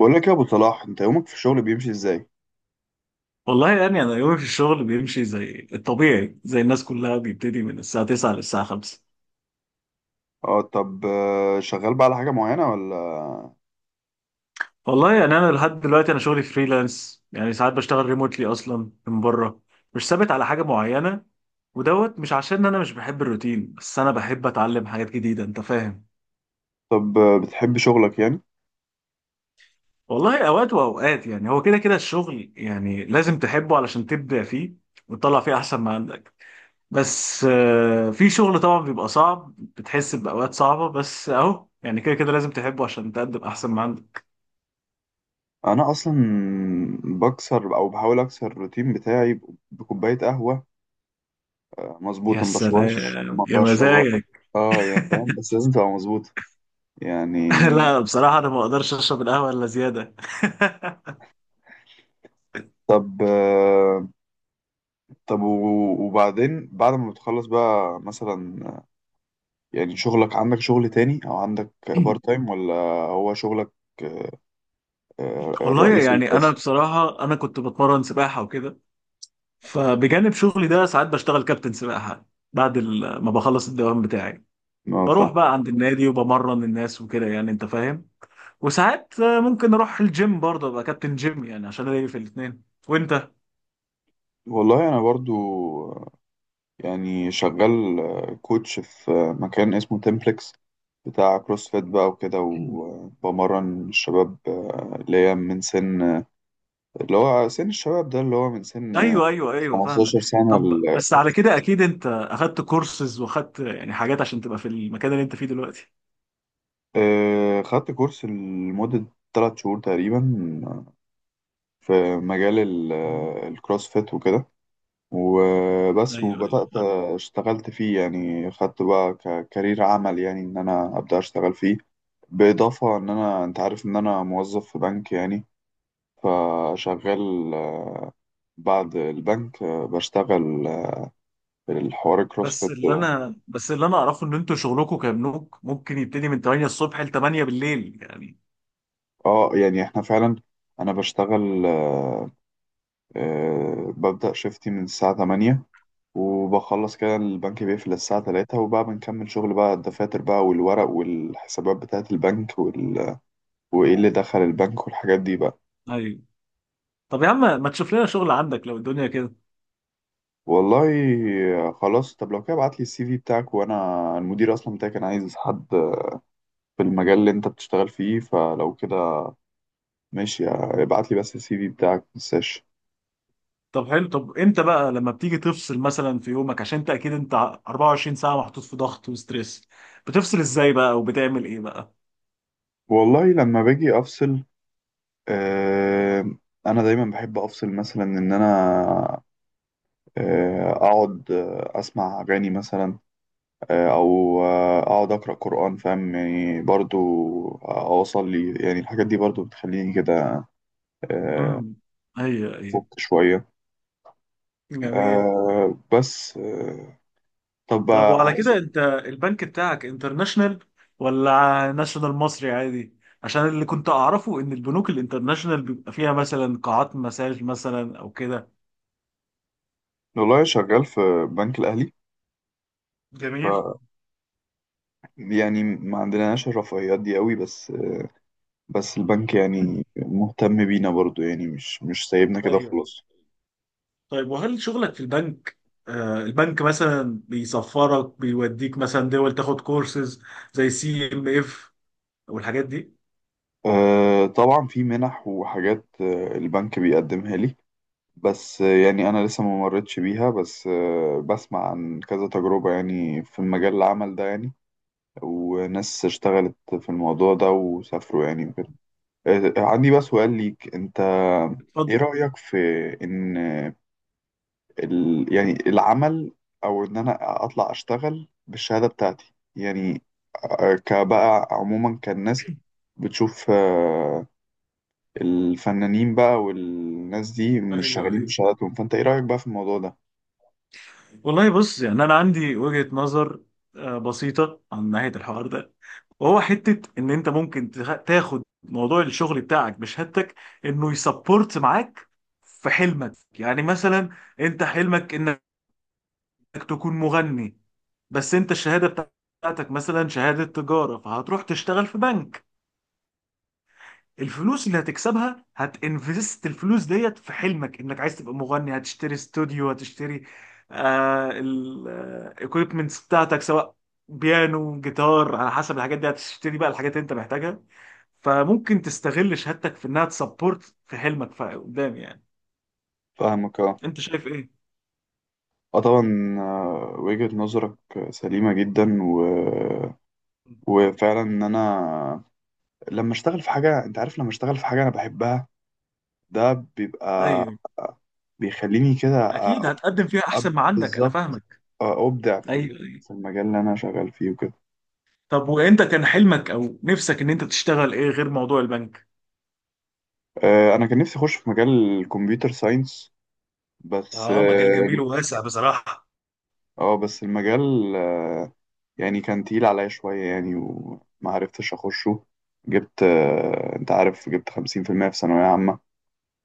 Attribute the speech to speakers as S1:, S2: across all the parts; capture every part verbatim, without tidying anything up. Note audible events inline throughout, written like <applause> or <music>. S1: بقول لك يا ابو صلاح، انت يومك في الشغل بيمشي ازاي؟
S2: والله يعني انا يومي في الشغل بيمشي زي الطبيعي زي الناس كلها، بيبتدي من الساعه تسعة للساعه خمسة.
S1: اه، طب آه، شغال بقى على حاجه معينه ولا؟
S2: والله يعني انا لحد دلوقتي انا شغلي فريلانس، يعني ساعات بشتغل ريموتلي اصلا من بره. مش ثابت على حاجه معينه. ودوت مش عشان انا مش بحب الروتين، بس انا بحب اتعلم حاجات جديده، انت فاهم.
S1: طب آه، بتحب شغلك يعني؟
S2: والله اوقات واوقات، يعني هو كده كده الشغل يعني لازم تحبه علشان تبدع فيه وتطلع فيه احسن ما عندك. بس آه، في شغل طبعا بيبقى صعب، بتحس بأوقات صعبة، بس اهو يعني كده كده لازم تحبه عشان تقدم احسن ما عندك.
S1: انا اصلا بكسر او بحاول اكسر الروتين بتاعي بكوبايه قهوه. آه،
S2: يا
S1: مظبوطه، ما بشربهاش
S2: سلام
S1: ما
S2: يا
S1: بشربها.
S2: مزاجك.
S1: اه يعني فاهم، بس لازم تبقى مظبوطه يعني.
S2: <laughs> لا بصراحة انا ما اقدرش اشرب القهوة الا زيادة. <laughs>
S1: طب آه، طب و- وبعدين بعد ما بتخلص بقى مثلا آه، يعني شغلك، عندك شغل تاني او عندك بار تايم ولا هو شغلك آه، آه،
S2: والله
S1: الرئيسي
S2: يعني انا
S1: بس؟
S2: بصراحة انا كنت بتمرن سباحة وكده، فبجانب شغلي ده ساعات بشتغل كابتن سباحة بعد ال- ما بخلص الدوام بتاعي.
S1: اه
S2: بروح
S1: فاهم.
S2: بقى عند النادي وبمرن الناس وكده يعني، انت فاهم. وساعات آه، ممكن اروح الجيم برضه ابقى كابتن جيم، يعني عشان الاقي في الاثنين. وانت
S1: والله انا برضو يعني شغال كوتش في مكان اسمه تمبلكس، بتاع كروسفيت بقى وكده،
S2: <clears throat>
S1: وبمرن الشباب آه، اللي هي من سن اللي هو سن الشباب ده، اللي هو من سن
S2: ايوه ايوه ايوه فاهمك،
S1: 15 سنة
S2: طب
S1: ل-
S2: بس على كده اكيد انت اخدت كورسز، واخدت يعني حاجات عشان تبقى في المكان اللي انت فيه دلوقتي.
S1: آه، خدت كورس لمدة 3 شهور تقريبا في مجال ال-
S2: مم.
S1: الكروسفيت وكده، وبس
S2: ايوه ايوه
S1: وبدأت
S2: فاهم.
S1: اشتغلت فيه يعني، خدت بقى ككارير عمل يعني، ان انا ابدأ اشتغل فيه بالاضافه ان انا، انت عارف ان انا موظف في بنك يعني. فشغال آه، بعد البنك آه، بشتغل آه، الحوار
S2: بس
S1: الكروسفيت
S2: اللي
S1: ده.
S2: انا بس اللي انا اعرفه ان انتوا شغلكم كبنوك ممكن يبتدي من تمانية الصبح ل تمانية بالليل يعني.
S1: اه يعني احنا فعلا، انا بشتغل آه، آه، ببدأ شيفتي من الساعة تمانية، وبخلص كده، البنك بيقفل الساعة الثالثة، وبقى بنكمل شغل بقى، الدفاتر بقى والورق والحسابات بتاعة البنك وال... وايه اللي دخل البنك والحاجات دي بقى.
S2: ايوه. طب يا عم ما تشوف لنا شغل عندك لو الدنيا كده.
S1: والله آه، خلاص، طب لو كده ابعت لي السي في بتاعك، وانا المدير اصلا بتاعي كان عايز حد في المجال اللي انت بتشتغل فيه، فلو كده ماشي، ابعت لي بس السي في بتاعك، متنساش.
S2: طب حلو، طب امتى بقى لما بتيجي تفصل مثلا في يومك؟ عشان انت اكيد انت 24 ساعة محطوط في ضغط وستريس. بتفصل ازاي بقى وبتعمل ايه بقى؟
S1: والله لما باجي افصل، آه انا دايما بحب افصل، مثلا ان انا آه اقعد آه، اسمع اغاني مثلا، آه او آه اقعد اقرا قران، فاهم يعني، برضو اوصل لي يعني، الحاجات دي برضو بتخليني كده آه
S2: امم. ايوه ايوه.
S1: فوق شويه.
S2: جميل.
S1: آه بس آه طب
S2: طب وعلى
S1: آه،
S2: كده انت البنك بتاعك انترناشونال ولا ناشونال مصري عادي؟ عشان اللي كنت اعرفه ان البنوك الانترناشونال بيبقى فيها مثلا قاعات مساج مثلا او كده.
S1: والله شغال في بنك الاهلي،
S2: جميل.
S1: يعني ما عندناش الرفاهيات دي قوي، بس بس البنك يعني
S2: <clears throat>
S1: مهتم بينا برضو، يعني مش مش سايبنا كده
S2: ايوه.
S1: خلاص.
S2: طيب وهل شغلك في البنك، آه، البنك مثلا بيسفرك بيوديك مثلا دول تاخد كورسز زي سي ام اف والحاجات دي؟
S1: أه طبعا في منح وحاجات آه، البنك بيقدمها لي، بس آه، يعني انا لسه ما مرتش بيها، بس آه، بسمع عن كذا تجربة يعني في المجال العمل ده يعني، وناس اشتغلت في الموضوع ده وسافروا يعني وكده. آه، عندي بقى سؤال ليك انت: ايه
S2: اتفضل.
S1: رأيك في ان ال... يعني العمل، او ان انا اطلع اشتغل بالشهاده بتاعتي يعني، آه، كبقى عموما كالناس، بتشوف آه، الفنانين بقى والناس دي مش
S2: ايوه
S1: شغالين
S2: ايوه.
S1: بشهاداتهم، فانت ايه رايك بقى في الموضوع ده؟
S2: والله بص، يعني انا عندي وجهة نظر آه، بسيطة عن ناحية الحوار ده، وهو حتة ان انت ممكن تخ- تاخد موضوع الشغل بتاعك بشهادتك انه يسبورت معاك في حلمك. يعني مثلا انت حلمك انك انك تكون مغني، بس انت الشهاده بتاعتك مثلا شهاده تجاره، فهتروح تشتغل في بنك. الفلوس اللي هتكسبها هتنفست الفلوس ديت في حلمك انك عايز تبقى مغني. هتشتري استوديو، هتشتري آه الايكويبمنتس بتاعتك، سواء بيانو، جيتار، على حسب. الحاجات دي هتشتري بقى الحاجات اللي انت محتاجها. فممكن تستغل شهادتك في انها تسبورت في حلمك قدام يعني.
S1: فاهمك، اه.
S2: انت شايف ايه؟
S1: اه طبعا آه، وجهة نظرك سليمة جدا و... وفعلا ان انا لما اشتغل في حاجة، انت عارف، لما اشتغل في حاجة انا بحبها، ده بيبقى
S2: ايوه
S1: بيخليني كده
S2: اكيد
S1: أ-
S2: هتقدم فيها
S1: أب-
S2: احسن ما عندك، انا
S1: بالظبط
S2: فاهمك.
S1: آه، أبدع في ال-
S2: ايوه.
S1: في المجال اللي أنا شغال فيه وكده.
S2: طب وانت كان حلمك او نفسك ان انت تشتغل ايه غير موضوع البنك؟
S1: آه، أنا كان نفسي أخش في مجال الكمبيوتر ساينس، بس
S2: اه مجال
S1: اه
S2: جميل وواسع بصراحة.
S1: آه، بس المجال آه، يعني كان تقيل عليا شوية يعني، وما عرفتش أخشه. جبت آه، أنت عارف جبت خمسين في المية في ثانوية عامة،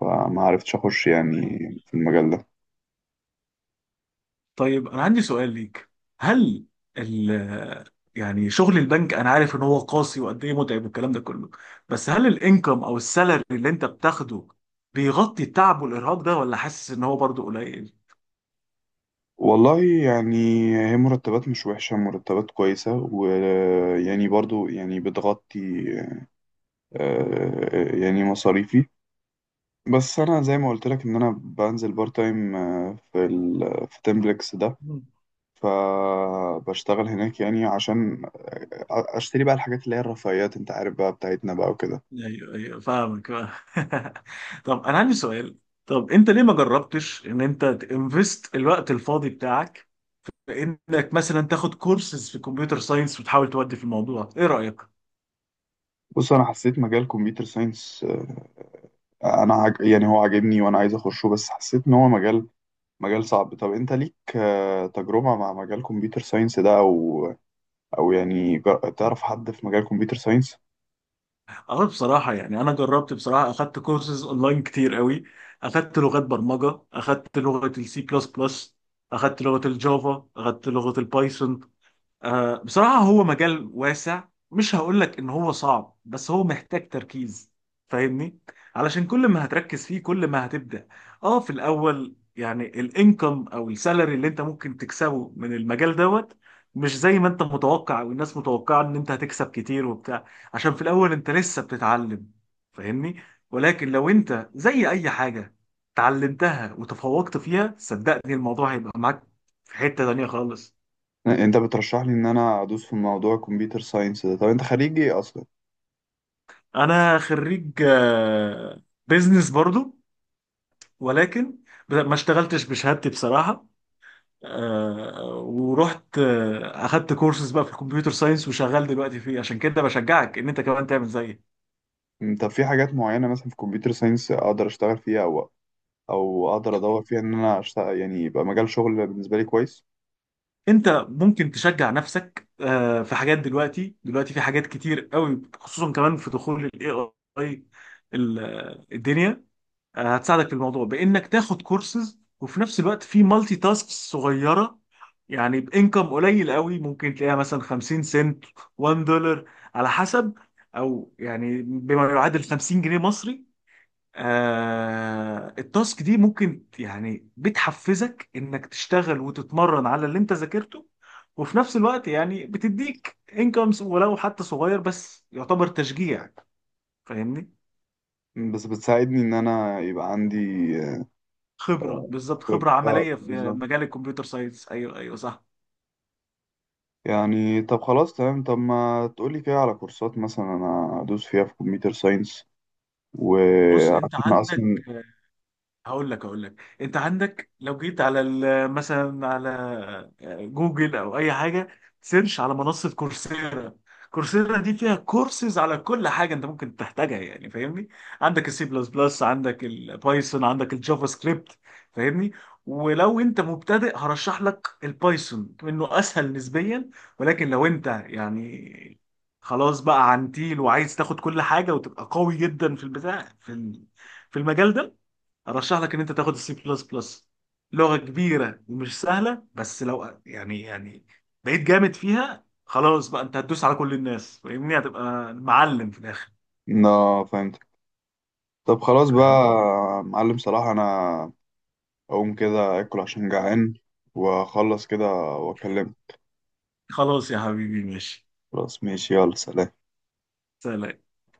S1: فما عرفتش أخش يعني
S2: طيب.
S1: في المجال ده.
S2: طيب، انا عندي سؤال ليك. هل ال يعني شغل البنك انا عارف ان هو قاسي وقد ايه متعب والكلام ده كله، بس هل الانكم او السالري اللي انت بتاخده بيغطي التعب والارهاق ده، ولا حاسس ان هو برضه قليل؟
S1: والله يعني، هي مرتبات مش وحشة، مرتبات كويسة، ويعني برضو يعني بتغطي آه، يعني مصاريفي. بس انا زي ما قلت لك، ان انا بنزل بارت تايم آه، في ال في تمبلكس ده،
S2: مم.
S1: فبشتغل هناك يعني عشان آه، اشتري بقى الحاجات اللي هي الرفاهيات، انت عارف بقى، بتاعتنا بقى وكده.
S2: ايوه ايوه فاهمك فاهم. <laughs> طب انا عندي سؤال. طب انت ليه ما جربتش ان انت تنفست الوقت الفاضي بتاعك انك مثلا تاخد كورسز في كمبيوتر ساينس وتحاول تودي في الموضوع؟ ايه رأيك؟
S1: بص، انا حسيت مجال كمبيوتر ساينس، انا عج... يعني هو عاجبني وانا عايز اخشه، بس حسيت ان هو مجال مجال صعب. طب انت ليك آه، تجربة مع مجال كمبيوتر ساينس ده، او او يعني جر- تعرف حد في مجال كمبيوتر ساينس؟
S2: اه بصراحة يعني أنا جربت، بصراحة أخدت كورسز أونلاين كتير قوي. أخدت لغات برمجة، أخدت لغة السي بلس بلس، أخدت لغة الجافا، أخدت لغة البايثون. آه، بصراحة هو مجال واسع. مش هقولك ان هو صعب، بس هو محتاج تركيز، فاهمني؟ علشان كل ما هتركز فيه كل ما هتبدأ. اه في الاول يعني الانكم او السالري اللي انت ممكن تكسبه من المجال دوت مش زي ما انت متوقع او الناس متوقعة ان انت هتكسب كتير وبتاع، عشان في الاول انت لسه بتتعلم، فاهمني؟ ولكن لو انت زي اي حاجة اتعلمتها وتفوقت فيها، صدقني الموضوع هيبقى معاك في حتة تانية خالص.
S1: انت بترشح لي ان انا ادوس في موضوع كمبيوتر ساينس ده؟ طب انت خريج ايه اصلا؟
S2: انا خريج آه، بيزنس برضو، ولكن ب- ما اشتغلتش بشهادتي بصراحة. آه، ورحت آه، اخدت كورسز بقى في الكمبيوتر ساينس وشغال دلوقتي فيه، عشان كده بشجعك ان انت كمان تعمل زيي.
S1: مم، طب في حاجات معينة مثلا في كمبيوتر ساينس أقدر أشتغل فيها، أو أو أقدر أدور فيها إن أنا أشتغل يعني، يبقى مجال شغل بالنسبة لي كويس؟
S2: انت ممكن تشجع نفسك آه، في حاجات دلوقتي. دلوقتي في حاجات كتير قوي، خصوصا كمان في دخول الاي اي الدنيا. آه، هتساعدك في الموضوع بانك تاخد كورسز، وفي نفس الوقت في مالتي تاسكس صغيره، يعني بانكم قليل قوي. ممكن تلاقيها مثلا خمسين سنت، واحد دولار، على حسب. او يعني بما يعادل خمسين جنيه مصري. آه التاسك دي ممكن يعني بتحفزك انك تشتغل وتتمرن على اللي انت ذاكرته، وفي نفس الوقت يعني بتديك انكمز ولو حتى صغير، بس يعتبر تشجيع، فاهمني؟
S1: مم، بس بتساعدني إن أنا يبقى عندي
S2: خبرة
S1: آه،
S2: بالظبط،
S1: خب-
S2: خبرة
S1: آه،
S2: عملية في
S1: بالظبط.
S2: مجال الكمبيوتر ساينس، أيوه أيوه صح.
S1: يعني طب خلاص، تمام، طب ما تقولي كده على كورسات مثلا أنا أدوس فيها في كمبيوتر ساينس،
S2: بص أنت
S1: وعشان
S2: عندك،
S1: أصلا،
S2: هقول لك هقول لك انت عندك لو جيت على ال- مثلا على آه، جوجل او اي حاجه، سيرش على منصه كورسيرا. كورسيرا دي فيها كورسز على كل حاجه انت ممكن تحتاجها يعني، فاهمني؟ عندك السي بلس بلس، عندك البايثون، عندك الجافا سكريبت، فاهمني؟ ولو انت مبتدئ هرشح لك البايثون، انه اسهل نسبيا. ولكن لو انت يعني خلاص بقى عنتيل وعايز تاخد كل حاجه وتبقى قوي جدا في البتاع في ال- في المجال ده، ارشح لك ان انت تاخد السي بلس بلس. لغه كبيره ومش سهله، بس لو يعني يعني بقيت جامد فيها، خلاص بقى انت هتدوس على كل الناس، فاهمني؟ هتبقى معلم في الاخر.
S1: لا فهمت، طب خلاص بقى،
S2: فاهم.
S1: معلم صلاح، أنا أقوم كده أكل عشان جعان، وأخلص كده وأكلمك.
S2: خلاص يا حبيبي، ماشي.
S1: خلاص ماشي، يلا سلام.
S2: سلام.